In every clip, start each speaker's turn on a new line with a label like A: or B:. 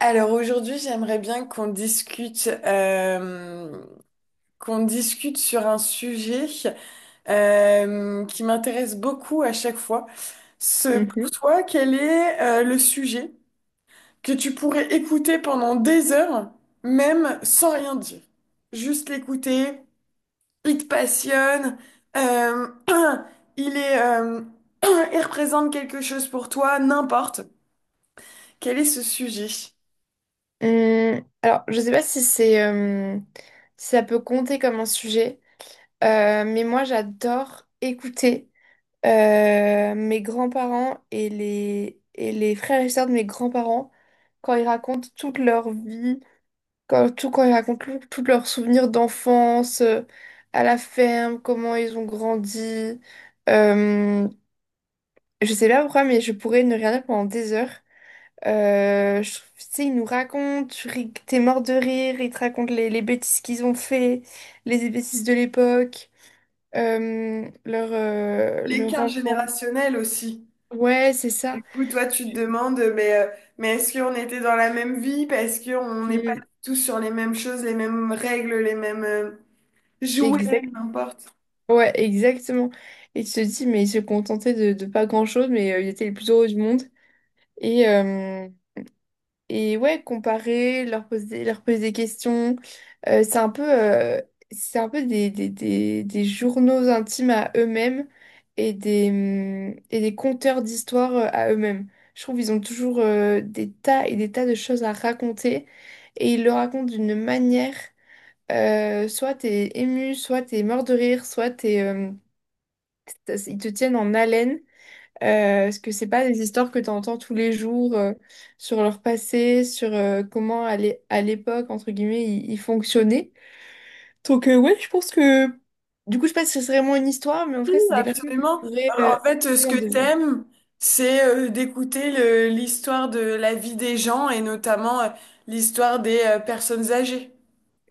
A: Alors aujourd'hui, j'aimerais bien qu'on discute, qu'on discute sur un sujet qui m'intéresse beaucoup à chaque fois. Ce, pour
B: Mhm.
A: toi, quel est le sujet que tu pourrais écouter pendant des heures, même sans rien dire? Juste l'écouter, il te passionne, euh, il est, il représente quelque chose pour toi, n'importe. Quel est ce sujet?
B: Alors, je sais pas si c'est si ça peut compter comme un sujet, mais moi j'adore écouter mes grands-parents et les frères et sœurs de mes grands-parents quand ils racontent toute leur vie, quand ils racontent tous leurs souvenirs d'enfance à la ferme, comment ils ont grandi. Euh, je sais pas pourquoi, mais je pourrais ne rien dire pendant des heures. Tu sais, ils nous racontent, t'es mort de rire, ils te racontent les bêtises qu'ils ont fait, les bêtises de l'époque, leur
A: L'écart
B: enfant.
A: générationnel aussi.
B: Ouais, c'est
A: Du
B: ça.
A: coup, toi, tu te demandes, mais est-ce qu'on était dans la même vie? Parce qu'on n'est pas
B: Mm.
A: tous sur les mêmes choses, les mêmes règles, les mêmes jouets,
B: Exact.
A: n'importe.
B: Ouais, exactement. Et tu te dis, mais ils se contentaient de pas grand-chose, mais ils étaient les plus heureux du monde. Et, euh, Et ouais, comparer, leur poser des questions. Euh, c'est un peu, euh, c'est un peu des journaux intimes à eux-mêmes et des conteurs d'histoires à eux-mêmes. Je trouve qu'ils ont toujours des tas et des tas de choses à raconter et ils le racontent d'une manière, soit t'es ému, soit t'es mort de rire, ils te tiennent en haleine. Parce que c'est pas des histoires que tu entends tous les jours sur leur passé, sur comment à l'époque, entre guillemets, ils fonctionnaient. Donc ouais, je pense que du coup, je sais pas si c'est vraiment une histoire, mais en tout
A: Oui,
B: cas, c'est des personnes que je
A: absolument.
B: pourrais
A: Alors, en fait,
B: que
A: ce
B: en
A: que
B: désir.
A: t'aimes, c'est d'écouter l'histoire de la vie des gens et notamment l'histoire des personnes âgées.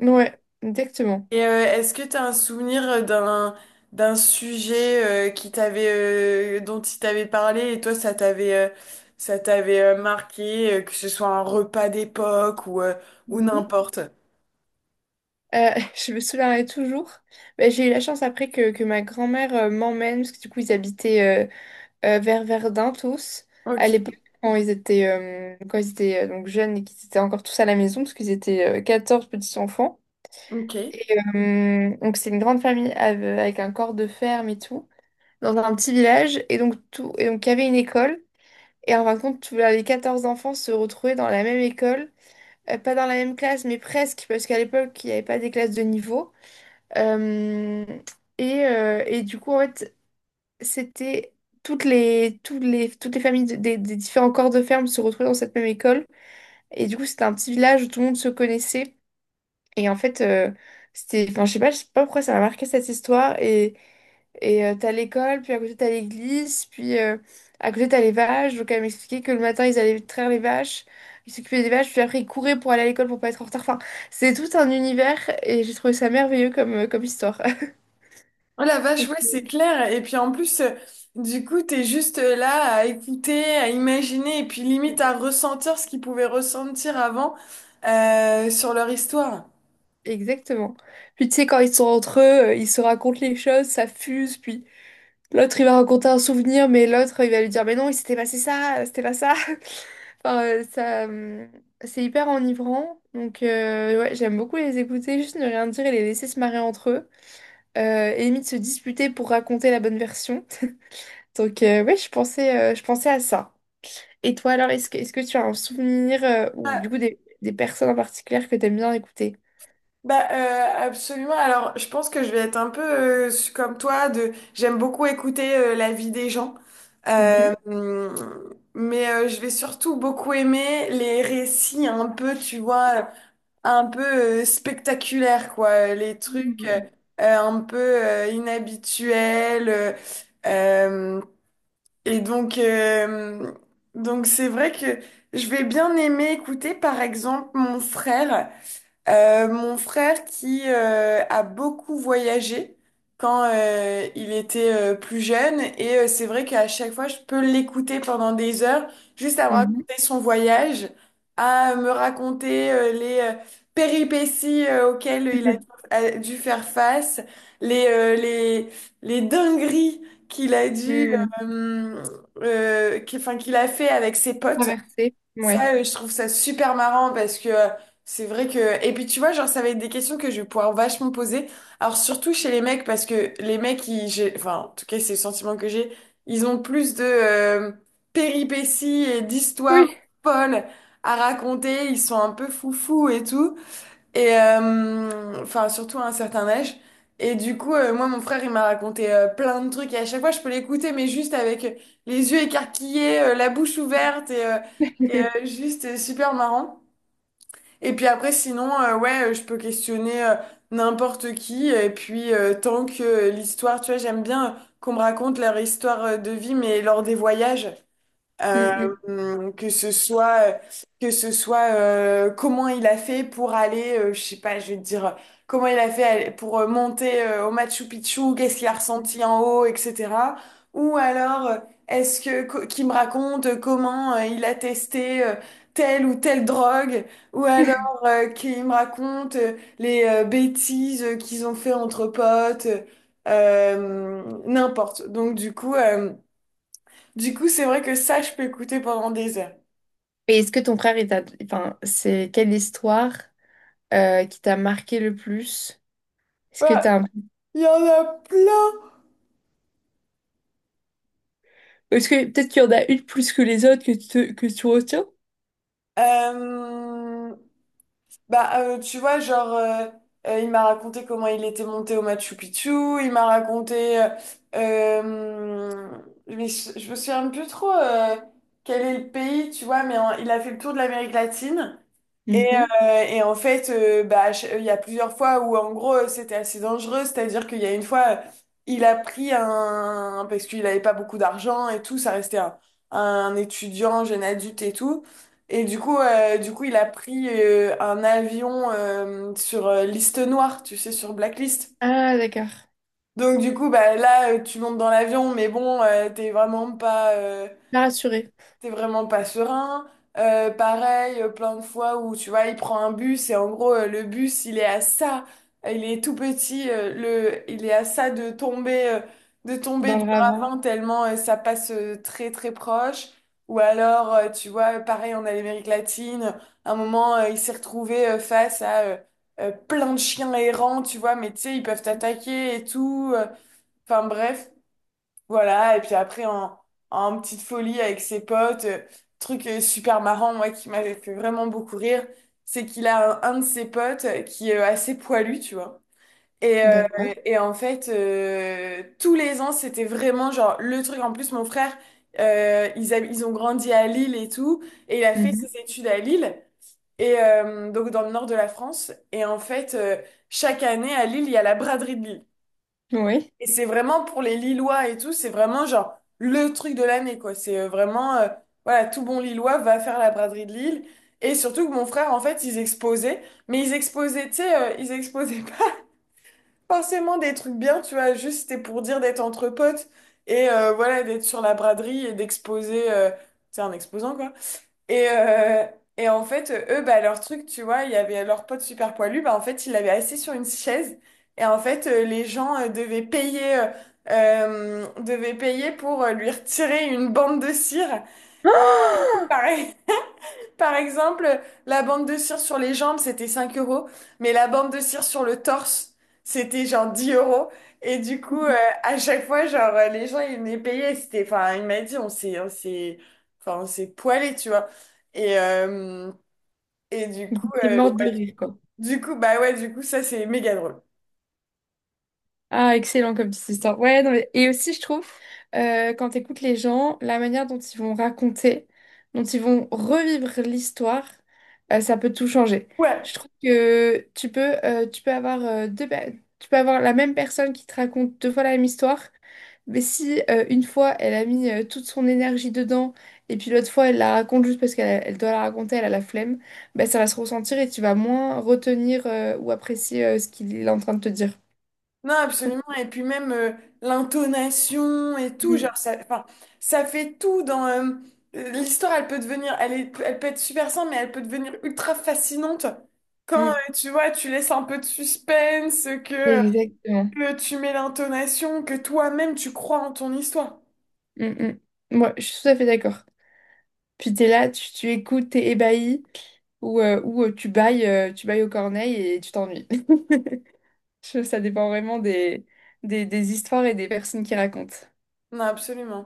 B: Ouais, exactement.
A: Et est-ce que tu as un souvenir d'un d'un sujet qui t'avait dont il t'avait parlé et toi ça t'avait marqué que ce soit un repas d'époque ou
B: Mhm.
A: n'importe.
B: Euh, je me souviendrai toujours. Bah, j'ai eu la chance après que ma grand-mère m'emmène, parce que du coup, ils habitaient vers Verdun tous. À
A: OK,
B: l'époque, quand ils étaient donc jeunes et qu'ils étaient encore tous à la maison, parce qu'ils étaient 14 petits-enfants.
A: OK.
B: Et donc, c'est une grande famille avec un corps de ferme et tout, dans un petit village. Et donc, il y avait une école. Et en fin de compte, tous les 14 enfants se retrouvaient dans la même école. Pas dans la même classe, mais presque, parce qu'à l'époque, il n'y avait pas des classes de niveau. Euh, et du coup, en fait, c'était toutes les familles des différents corps de ferme se retrouvaient dans cette même école. Et du coup, c'était un petit village où tout le monde se connaissait. Et en fait, c'était, enfin, je sais pas pourquoi ça m'a marqué cette histoire. Et t'as l'école, puis à côté t'as l'église, puis à côté t'as les vaches. Donc elle m'expliquait que le matin, ils allaient traire les vaches. Ils s'occupaient des vaches, puis après ils couraient pour aller à l'école pour pas être en retard. Enfin, c'est tout un univers et j'ai trouvé ça merveilleux comme histoire.
A: Oh la vache, ouais, c'est clair. Et puis en plus du coup, t'es juste là à écouter, à imaginer et puis limite à ressentir ce qu'ils pouvaient ressentir avant sur leur histoire.
B: Exactement. Puis tu sais, quand ils sont entre eux, ils se racontent les choses, ça fuse, puis l'autre il va raconter un souvenir, mais l'autre il va lui dire, mais non, il s'était passé ça, c'était pas ça. Enfin, c'est hyper enivrant. Donc, ouais, j'aime beaucoup les écouter, juste ne rien dire et les laisser se marrer entre eux. Et limite se disputer pour raconter la bonne version. Donc, ouais, je pensais à ça. Et toi, alors, est-ce que tu as un souvenir ou du coup des personnes en particulier que t'aimes bien écouter?
A: Bah, absolument. Alors, je pense que je vais être un peu comme toi, de j'aime beaucoup écouter la vie des gens. Euh,
B: Mhm.
A: hum, mais je vais surtout beaucoup aimer les récits un peu, tu vois, un peu spectaculaires, quoi. Les trucs
B: Mhm.
A: un peu inhabituels. Euh, et donc c'est vrai que je vais bien aimer écouter, par exemple, mon frère. Mon frère qui a beaucoup voyagé quand il était plus jeune et c'est vrai qu'à chaque fois je peux l'écouter pendant des heures juste à me
B: Mhm.
A: raconter son voyage, à me raconter les péripéties auxquelles il a, a dû faire face, les, les dingueries qu'il a dû,
B: Hmm.
A: euh, qu'il, enfin, qu'il a fait avec ses potes.
B: Traversée, ouais.
A: Ça, je trouve ça super marrant parce que c'est vrai que. Et puis tu vois, genre, ça va être des questions que je vais pouvoir vachement poser. Alors surtout chez les mecs, parce que les mecs, Enfin, en tout cas, c'est le sentiment que j'ai. Ils ont plus de péripéties et d'histoires
B: Oui.
A: folles à raconter. Ils sont un peu foufous et tout. Et enfin, surtout à un certain âge. Et du coup, moi, mon frère, il m'a raconté plein de trucs. Et à chaque fois, je peux l'écouter, mais juste avec les yeux écarquillés, la bouche ouverte, juste super marrant. Et puis après, sinon, ouais, je peux questionner n'importe qui. Et puis, tant que l'histoire, tu vois, j'aime bien qu'on me raconte leur histoire de vie, mais lors des voyages.
B: Hmm,
A: Euh,
B: hmm.
A: que ce soit, que ce soit comment il a fait pour aller, je sais pas, je vais te dire, comment il a fait aller- pour monter au Machu Picchu, qu'est-ce qu'il a ressenti en haut, etc. Ou alors, est-ce que qu'il me raconte comment il a testé telle ou telle drogue, ou alors qu'il me raconte les bêtises qu'ils ont fait entre potes, n'importe. Donc du coup. Du coup, c'est vrai que ça, je peux écouter pendant des heures.
B: Et est-ce que ton frère, il t'a... Enfin, c'est quelle histoire qui t'a marqué le plus? Est-ce que
A: Bah,
B: t'as... un-
A: il y en a plein.
B: Est-ce que peut-être qu'il y en a une plus que les autres que que tu retiens?
A: Euh, bah, tu vois, genre, il m'a raconté comment il était monté au Machu Picchu. Il m'a raconté, euh, mais je me souviens plus trop quel est le pays, tu vois, mais il a fait le tour de l'Amérique latine. Et,
B: Mhm.
A: et en fait, bah, il y a plusieurs fois où en gros c'était assez dangereux, c'est-à-dire qu'il y a une fois, il a pris un... parce qu'il n'avait pas beaucoup d'argent et tout, ça restait un étudiant, jeune adulte et tout. Et du coup, il a pris un avion sur liste noire, tu sais, sur Blacklist.
B: Ah, d'accord.
A: Donc du coup, bah, là, tu montes dans l'avion, mais bon,
B: Pas rassurée.
A: t'es vraiment pas serein. Pareil, plein de fois où tu vois, il prend un bus et en gros, le bus, il est à ça, il est tout petit, il est à ça de tomber
B: Dans
A: du
B: le ravin.
A: ravin tellement ça passe très très proche. Ou alors, tu vois, pareil, on a l'Amérique latine. À un moment, il s'est retrouvé face à plein de chiens errants, tu vois, mais tu sais, ils peuvent t'attaquer et tout. Enfin bref. Voilà, et puis après en petite folie avec ses potes, truc super marrant, moi qui m'avait fait vraiment beaucoup rire, c'est qu'il a un de ses potes qui est assez poilu, tu vois. Et, euh,
B: D'accord.
A: et en fait, tous les ans, c'était vraiment genre le truc. En plus, mon frère, ils ont grandi à Lille et tout, et il a fait
B: Mhm.
A: ses études à Lille, et donc dans le nord de la France. Et en fait, chaque année à Lille, il y a la braderie de Lille.
B: Oui.
A: Et c'est vraiment pour les Lillois et tout, c'est vraiment genre le truc de l'année, quoi. C'est voilà, tout bon Lillois va faire la braderie de Lille. Et surtout que mon frère, en fait, ils exposaient, tu sais, ils exposaient pas forcément des trucs bien, tu vois, juste c'était pour dire d'être entre potes et voilà, d'être sur la braderie et d'exposer, c'est un exposant, quoi et, euh, et en fait, eux, bah, leur truc, tu vois, il y avait leur pote super poilu, bah, en fait, il l'avait assis sur une chaise. Et en fait, les gens devaient payer pour lui retirer une bande de cire. Pareil, par exemple, la bande de cire sur les jambes, c'était 5 euros, mais la bande de cire sur le torse, c'était genre 10 euros. Et du coup, à chaque fois, genre, les gens, ils venaient payer. C'était, enfin, il m'a dit, on s'est poilé, tu vois. Et, et du
B: Ah,
A: coup,
B: t'es
A: euh,
B: morte
A: bah,
B: de rire, quoi.
A: du coup, bah ouais, du coup, ça, c'est méga drôle.
B: Ah, excellent comme petite histoire. Ouais, non, mais et aussi, je trouve, quand tu écoutes les gens, la manière dont ils vont raconter, dont ils vont revivre l'histoire, ça peut tout changer.
A: Ouais,
B: Je trouve que tu peux, tu peux avoir la même personne qui te raconte deux fois la même histoire, mais si une fois, elle a mis toute son énergie dedans, et puis l'autre fois, elle la raconte juste parce qu'elle doit la raconter, elle a la flemme, ben, ça va se ressentir et tu vas moins retenir ou apprécier ce qu'il est en train de te dire.
A: non, absolument. Et puis même l'intonation et tout, genre, ça fait tout dans. L'histoire, elle peut devenir. Elle peut être super simple, mais elle peut devenir ultra fascinante quand,
B: Mm.
A: tu vois, tu laisses un peu de suspense,
B: Exactement.
A: que tu mets l'intonation, que toi-même, tu crois en ton histoire.
B: Mm, mm. Ouais, je suis tout à fait d'accord. Puis t'es là, tu écoutes, t'es ébahi, ou tu bailles aux corneilles et tu t'ennuies. Je- ça dépend vraiment des histoires et des personnes qui racontent.
A: Non, absolument.